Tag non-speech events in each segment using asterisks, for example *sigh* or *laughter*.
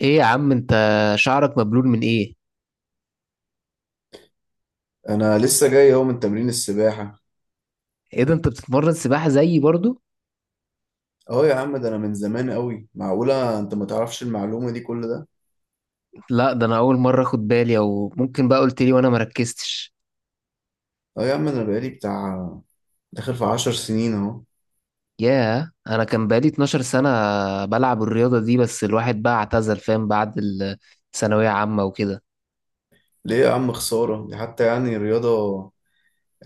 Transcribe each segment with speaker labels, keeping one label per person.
Speaker 1: ايه يا عم انت؟ شعرك مبلول من ايه؟
Speaker 2: انا لسه جاي اهو من تمرين السباحه.
Speaker 1: ايه ده، انت بتتمرن سباحة زيي برضو؟
Speaker 2: اه يا عم، ده انا من زمان قوي، معقوله انت ما تعرفش المعلومه دي كل ده؟
Speaker 1: لا، ده انا اول مرة اخد بالي، او ممكن بقى قلت لي وانا مركزتش.
Speaker 2: اه يا عم، انا بقالي بتاع داخل في عشر سنين اهو.
Speaker 1: ياه، انا كان بقالي 12 سنة بلعب الرياضة دي، بس الواحد بقى اعتزل فاهم بعد الثانوية عامة وكده.
Speaker 2: ليه يا عم، خساره دي حتى، يعني رياضه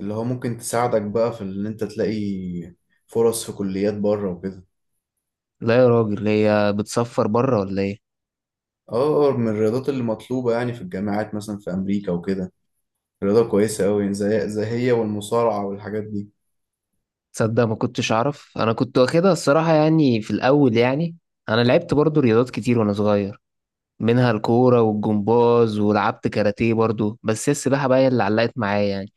Speaker 2: اللي هو ممكن تساعدك بقى في ان انت تلاقي فرص في كليات بره وكده.
Speaker 1: لا يا راجل، هي بتصفر بره ولا ايه؟
Speaker 2: اه، من الرياضات اللي مطلوبه يعني في الجامعات، مثلا في امريكا وكده، رياضه كويسه قوي يعني، زي هي والمصارعه والحاجات دي.
Speaker 1: تصدق ما كنتش اعرف، انا كنت واخدها الصراحة يعني في الاول يعني. انا لعبت برضو رياضات كتير وانا صغير، منها الكورة والجمباز، ولعبت كاراتيه برضو، بس هي السباحة بقى هي اللي علقت معايا يعني.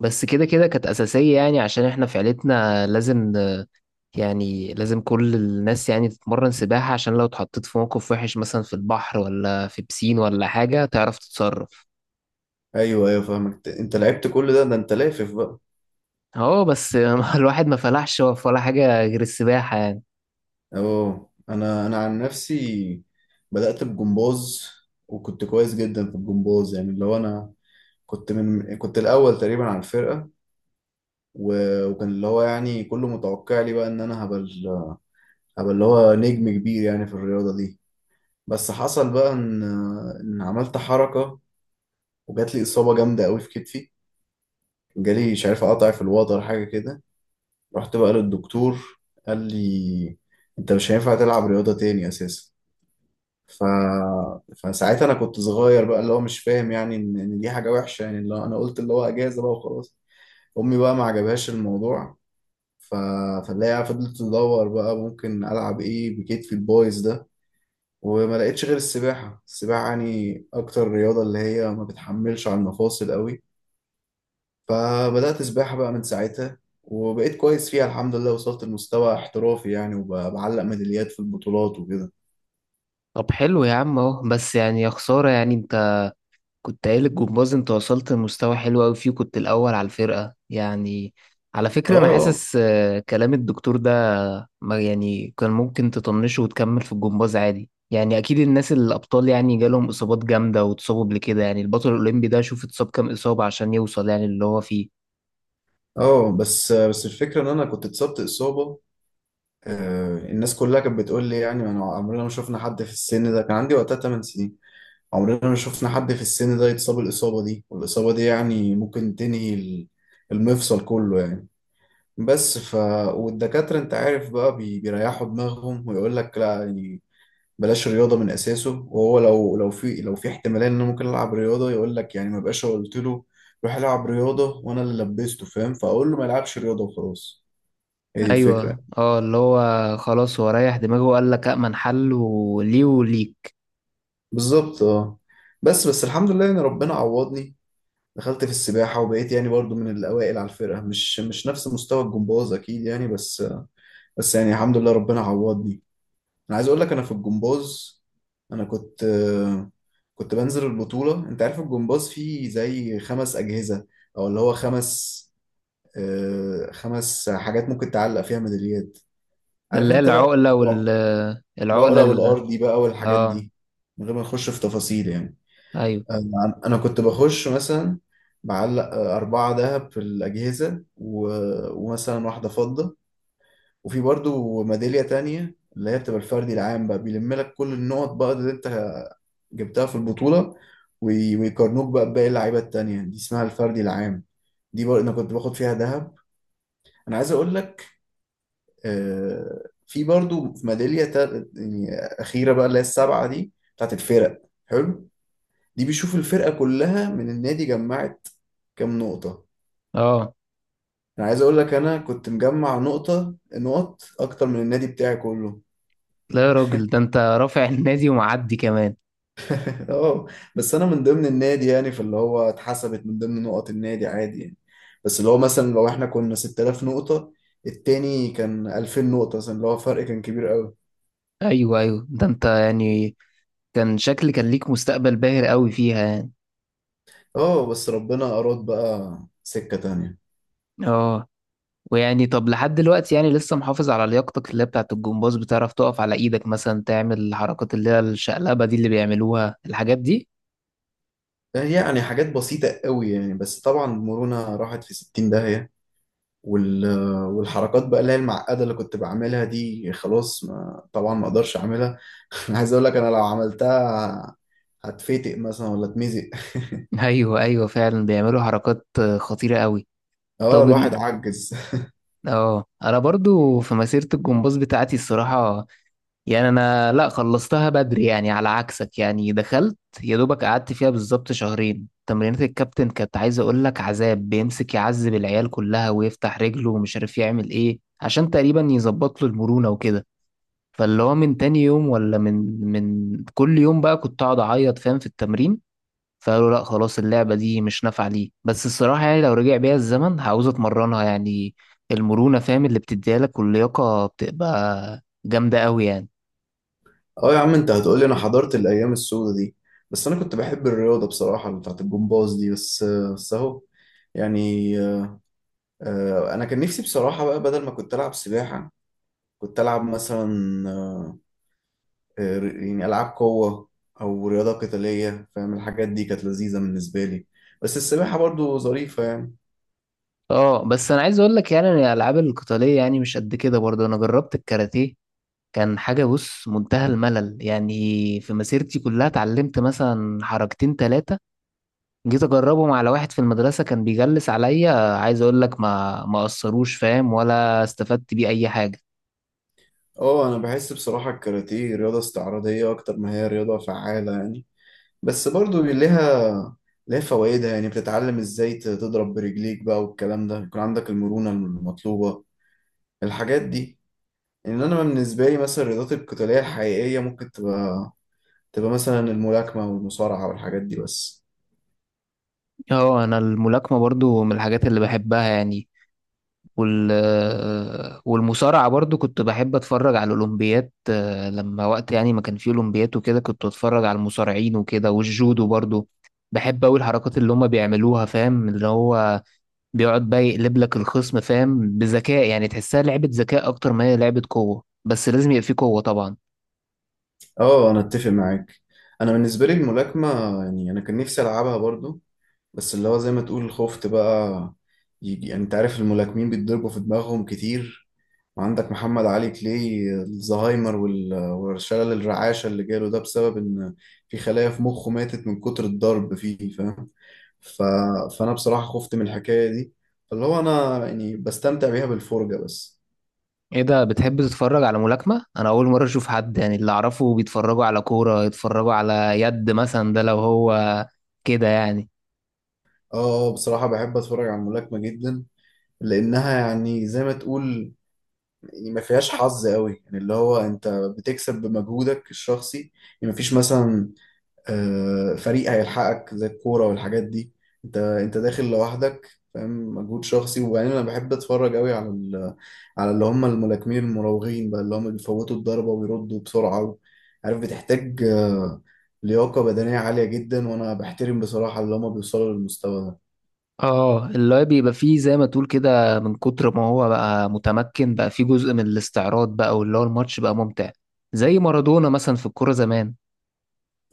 Speaker 1: بس كده كده كانت أساسية يعني، عشان احنا في عيلتنا لازم آه، يعني لازم كل الناس يعني تتمرن سباحة، عشان لو اتحطيت في موقف وحش مثلا في البحر ولا في بسين ولا حاجة تعرف تتصرف.
Speaker 2: ايوه ايوه، فاهمك، انت لعبت كل ده انت لافف بقى.
Speaker 1: اه بس *laughs* الواحد ما فلحش في ولا حاجة غير السباحة يعني.
Speaker 2: اه، انا عن نفسي بدأت بجمباز، وكنت كويس جدا في الجمباز، يعني اللي هو انا كنت الاول تقريبا على الفرقة، و- وكان اللي هو يعني كله متوقع لي بقى ان انا هبقى هبقى اللي هو نجم كبير يعني في الرياضة دي. بس حصل بقى ان عملت حركة، وجات لي إصابة جامدة قوي في كتفي، جالي مش عارف اقطع في الوتر حاجة كده. رحت بقى للدكتور، قال لي انت مش هينفع تلعب رياضة تاني اساسا. ف... فساعتها انا كنت صغير بقى، اللي هو مش فاهم يعني إن دي حاجه وحشه، يعني اللي هو انا قلت اللي هو اجازه بقى وخلاص. امي بقى ما عجبهاش الموضوع. ف... فاللي هي فضلت تدور بقى ممكن العب ايه بكتفي البايظ ده، وما لقيتش غير السباحه. السباحه يعني اكتر رياضه اللي هي ما بتحملش على المفاصل قوي، فبدات سباحه بقى من ساعتها، وبقيت كويس فيها الحمد لله، وصلت لمستوى احترافي يعني، وبعلق ميداليات في البطولات وكده.
Speaker 1: طب حلو يا عم اهو، بس يعني يا خسارة يعني، كنت قايل الجمباز انت وصلت لمستوى حلو قوي فيه، كنت الاول على الفرقه يعني. على فكره انا
Speaker 2: اه.
Speaker 1: حاسس آه، كلام الدكتور ده ما يعني كان ممكن تطنشه وتكمل في الجمباز عادي يعني، اكيد الناس الابطال يعني جالهم اصابات جامده واتصابوا قبل كده، يعني البطل الاولمبي ده شوف اتصاب كام اصابه عشان يوصل يعني اللي هو فيه.
Speaker 2: اه، بس الفكرة ان انا كنت اتصبت اصابة، الناس كلها كانت بتقول لي يعني انا عمرنا ما شفنا حد في السن ده، كان عندي وقتها 8 سنين. عمرنا ما شفنا حد في السن ده يتصاب الاصابة دي، والاصابة دي يعني ممكن تنهي المفصل كله يعني. بس والدكاترة انت عارف بقى بيريحوا دماغهم، ويقول لك لا يعني بلاش رياضة من اساسه، وهو لو في احتمالية ان انا ممكن العب رياضة يقول لك يعني ما بقاش، قلت له روح العب رياضة وانا اللي لبسته فاهم، فاقول له ما يلعبش رياضة وخلاص. هي دي
Speaker 1: ايوه
Speaker 2: الفكرة.
Speaker 1: اه، اللي هو خلاص هو ريح دماغه وقال لك امن حل وليه وليك.
Speaker 2: بالظبط، اه. بس الحمد لله يعني ربنا عوضني، دخلت في السباحة وبقيت يعني برضو من الأوائل على الفرقة، مش نفس مستوى الجمباز أكيد يعني، بس يعني الحمد لله ربنا عوضني. أنا عايز أقول لك أنا في الجمباز أنا كنت كنت بنزل البطولة. أنت عارف الجمباز فيه زي خمس أجهزة، أو اللي هو خمس حاجات ممكن تعلق فيها ميداليات.
Speaker 1: ده
Speaker 2: عارف
Speaker 1: اللي هي
Speaker 2: أنت بقى،
Speaker 1: العقله وال العقله
Speaker 2: العقلة
Speaker 1: ال...
Speaker 2: والأرضي بقى والحاجات
Speaker 1: اه.
Speaker 2: دي، من غير ما نخش في تفاصيل يعني.
Speaker 1: ايوه.
Speaker 2: أنا كنت بخش مثلا معلق اربعه دهب في الاجهزه، ومثلا واحده فضه. وفي برضو ميداليه تانية اللي هي بتبقى الفردي العام بقى، بيلم لك كل النقط بقى اللي انت جبتها في البطوله، وي... ويقارنوك بقى بباقي اللعيبه التانية، دي اسمها الفردي العام. دي برضو انا كنت باخد فيها دهب. انا عايز اقول لك في برضو ميداليه يعني اخيره بقى اللي هي السبعه دي بتاعت الفرق. حلو. دي بيشوف الفرقة كلها من النادي جمعت كام نقطة.
Speaker 1: اه.
Speaker 2: انا عايز اقول لك انا كنت مجمع نقط اكتر من النادي بتاعي كله.
Speaker 1: لا يا راجل، ده انت رافع النادي ومعدي كمان.
Speaker 2: *laughs* اه، بس انا من ضمن النادي يعني، فاللي هو اتحسبت من ضمن نقط النادي عادي يعني، بس اللي هو مثلا لو احنا كنا 6000 نقطة، التاني كان 2000 نقطة مثلا، اللي هو فرق كان كبير قوي.
Speaker 1: ايوه ايوه، ده انت يعني كان شكل كان ليك مستقبل باهر قوي فيها يعني.
Speaker 2: اه، بس ربنا اراد بقى سكة تانية.
Speaker 1: اه. ويعني طب لحد دلوقتي يعني لسه محافظ على لياقتك اللي هي بتاعت الجمباز؟ بتعرف تقف على ايدك مثلا، تعمل الحركات اللي هي الشقلبة دي اللي بيعملوها، الحاجات دي؟
Speaker 2: يعني حاجات بسيطة قوي يعني، بس طبعا المرونة راحت في 60 داهية، وال... والحركات بقى اللي هي المعقدة اللي كنت بعملها دي خلاص، ما... طبعا ما اقدرش اعملها. *laughs* انا عايز اقول لك انا لو عملتها هتفتق مثلا ولا اتمزق.
Speaker 1: *laughs* ايوه ايوه، فعلا بيعملوا حركات خطيرة قوي.
Speaker 2: *laughs* اه،
Speaker 1: طب
Speaker 2: الواحد
Speaker 1: ان-
Speaker 2: عجز.
Speaker 1: اه، انا برضو في مسيرة الجمباز بتاعتي الصراحة يعني انا لا خلصتها بدري يعني على عكسك، يعني دخلت يا دوبك قعدت فيها بالظبط شهرين تمرينات. الكابتن كانت عايز اقول لك عذاب، بيمسك يعذب العيال كلها ويفتح رجله ومش عارف يعمل ايه عشان تقريبا يظبط له المرونة وكده. فاللي هو من تاني يوم ولا من كل يوم بقى كنت اقعد اعيط فاهم في التمرين، فقالوا لا خلاص اللعبة دي مش نافعة ليه. بس الصراحة يعني لو رجع بيا الزمن هعوز اتمرنها يعني، المرونة فاهم اللي بتديها لك واللياقة بتبقى جامدة قوي يعني.
Speaker 2: *laughs* اه يا عم، انت هتقولي انا حضرت الايام السوداء دي. بس انا كنت بحب الرياضة بصراحة اللي بتاعت الجمباز دي، بس اهو يعني. انا كان نفسي بصراحة بقى بدل ما كنت العب سباحة كنت العب مثلا آه، يعني ألعاب قوة أو رياضة قتالية فاهم، الحاجات دي كانت لذيذة بالنسبة لي. بس السباحة برضو ظريفة يعني.
Speaker 1: اه بس انا عايز اقول لك يعني إن الالعاب القتاليه يعني مش قد كده برضه، انا جربت الكاراتيه كان حاجه بص منتهى الملل يعني. في مسيرتي كلها اتعلمت مثلا حركتين ثلاثه، جيت اجربهم على واحد في المدرسه كان بيجلس عليا، عايز اقول لك ما اثروش فاهم ولا استفدت بيه اي حاجه.
Speaker 2: اه، أنا بحس بصراحة الكاراتيه رياضة استعراضية أكتر ما هي رياضة فعالة يعني، بس برضو ليها فوائدها، يعني بتتعلم ازاي تضرب برجليك بقى والكلام ده، يكون عندك المرونة المطلوبة، الحاجات دي. ان انا بالنسبة لي مثلا الرياضات القتالية الحقيقية ممكن تبقى مثلا الملاكمة والمصارعة والحاجات دي بس.
Speaker 1: اه انا الملاكمه برضه من الحاجات اللي بحبها يعني، وال والمصارعة برضو كنت بحب اتفرج على الاولمبيات آه، لما وقت يعني ما كان فيه اولمبيات وكده كنت اتفرج على المصارعين وكده، والجودو برضو بحب اوي الحركات اللي هما بيعملوها فاهم، اللي هو بيقعد بقى يقلب لك الخصم فاهم بذكاء، يعني تحسها لعبة ذكاء اكتر ما هي لعبة قوة، بس لازم يبقى فيه قوة طبعا.
Speaker 2: اه، انا اتفق معاك. انا بالنسبه لي الملاكمه، يعني انا كان نفسي العبها برضو، بس اللي هو زي ما تقول خفت بقى يجي، يعني انت عارف الملاكمين بيتضربوا في دماغهم كتير، وعندك محمد علي كلاي الزهايمر وال- والشلل الرعاشه اللي جاله ده بسبب ان في خلايا في مخه ماتت من كتر الضرب فيه فاهم. ف... فانا بصراحه خفت من الحكايه دي، فاللي هو انا يعني بستمتع بيها بالفرجه بس.
Speaker 1: ايه ده، بتحب تتفرج على ملاكمة؟ انا اول مرة اشوف حد، يعني اللي اعرفه بيتفرجوا على كورة، يتفرجوا على يد مثلا ده لو هو، كده يعني.
Speaker 2: اه، بصراحه بحب اتفرج على الملاكمه جدا، لانها يعني زي ما تقول، يعني ما فيهاش حظ قوي، يعني اللي هو انت بتكسب بمجهودك الشخصي، يعني ما فيش مثلا فريق هيلحقك زي الكورة والحاجات دي، انت داخل لوحدك فاهم، مجهود شخصي. وبعدين انا بحب اتفرج قوي على اللي هم الملاكمين المراوغين بقى، اللي هم بيفوتوا الضربة ويردوا بسرعة، عارف بتحتاج لياقة بدنية عالية جدا، وانا بحترم بصراحة اللي هم بيوصلوا للمستوى ده.
Speaker 1: اه اللي هو بيبقى فيه زي ما تقول كده، من كتر ما هو بقى متمكن بقى فيه جزء من الاستعراض بقى، واللي هو الماتش بقى ممتع، زي مارادونا مثلا في الكورة زمان.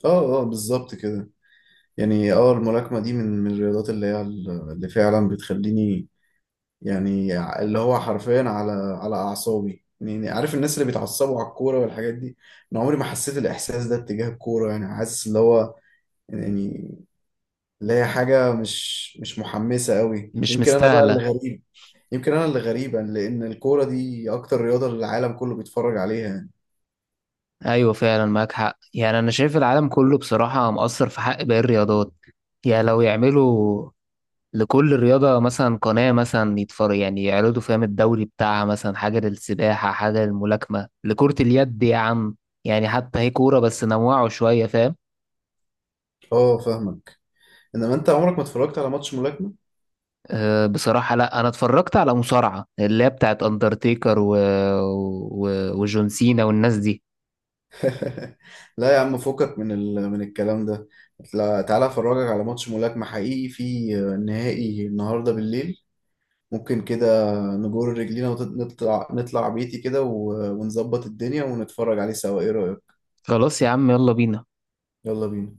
Speaker 2: اه اه، بالظبط كده. يعني اه الملاكمة دي من الرياضات اللي هي اللي فعلا بتخليني، يعني اللي هو حرفيا على اعصابي، يعني عارف الناس اللي بيتعصبوا على الكوره والحاجات دي، انا عمري ما حسيت الاحساس ده اتجاه الكوره. يعني حاسس اللي هو يعني اللي هي حاجه مش محمسه قوي،
Speaker 1: مش
Speaker 2: يمكن انا بقى
Speaker 1: مستاهلة.
Speaker 2: اللي غريب. يمكن انا اللي غريب لان الكوره دي اكتر رياضه العالم كله بيتفرج عليها يعني.
Speaker 1: ايوه فعلا معاك حق، يعني انا شايف العالم كله بصراحة مقصر في حق باقي الرياضات، يعني لو يعملوا لكل رياضة مثلا قناة مثلا يتفرج، يعني يعرضوا فاهم الدوري بتاعها، مثلا حاجة للسباحة، حاجة للملاكمة، لكرة اليد يا عم، يعني حتى هي كورة بس نوعوا شوية فاهم.
Speaker 2: اه، فاهمك، انما انت عمرك ما اتفرجت على ماتش ملاكمه.
Speaker 1: أه بصراحة لا، أنا اتفرجت على مصارعة اللي هي بتاعت أندرتيكر و... وجون سينا والناس دي.
Speaker 2: *laughs* لا يا عم، فكك من الكلام ده، لا، تعالى افرجك على ماتش ملاكمه حقيقي في نهائي النهارده بالليل. ممكن كده نجر رجلينا ونطلع بيتي كده، و- ونظبط الدنيا ونتفرج عليه سوا، ايه رأيك؟
Speaker 1: خلاص يا عم يلا بينا.
Speaker 2: يلا بينا.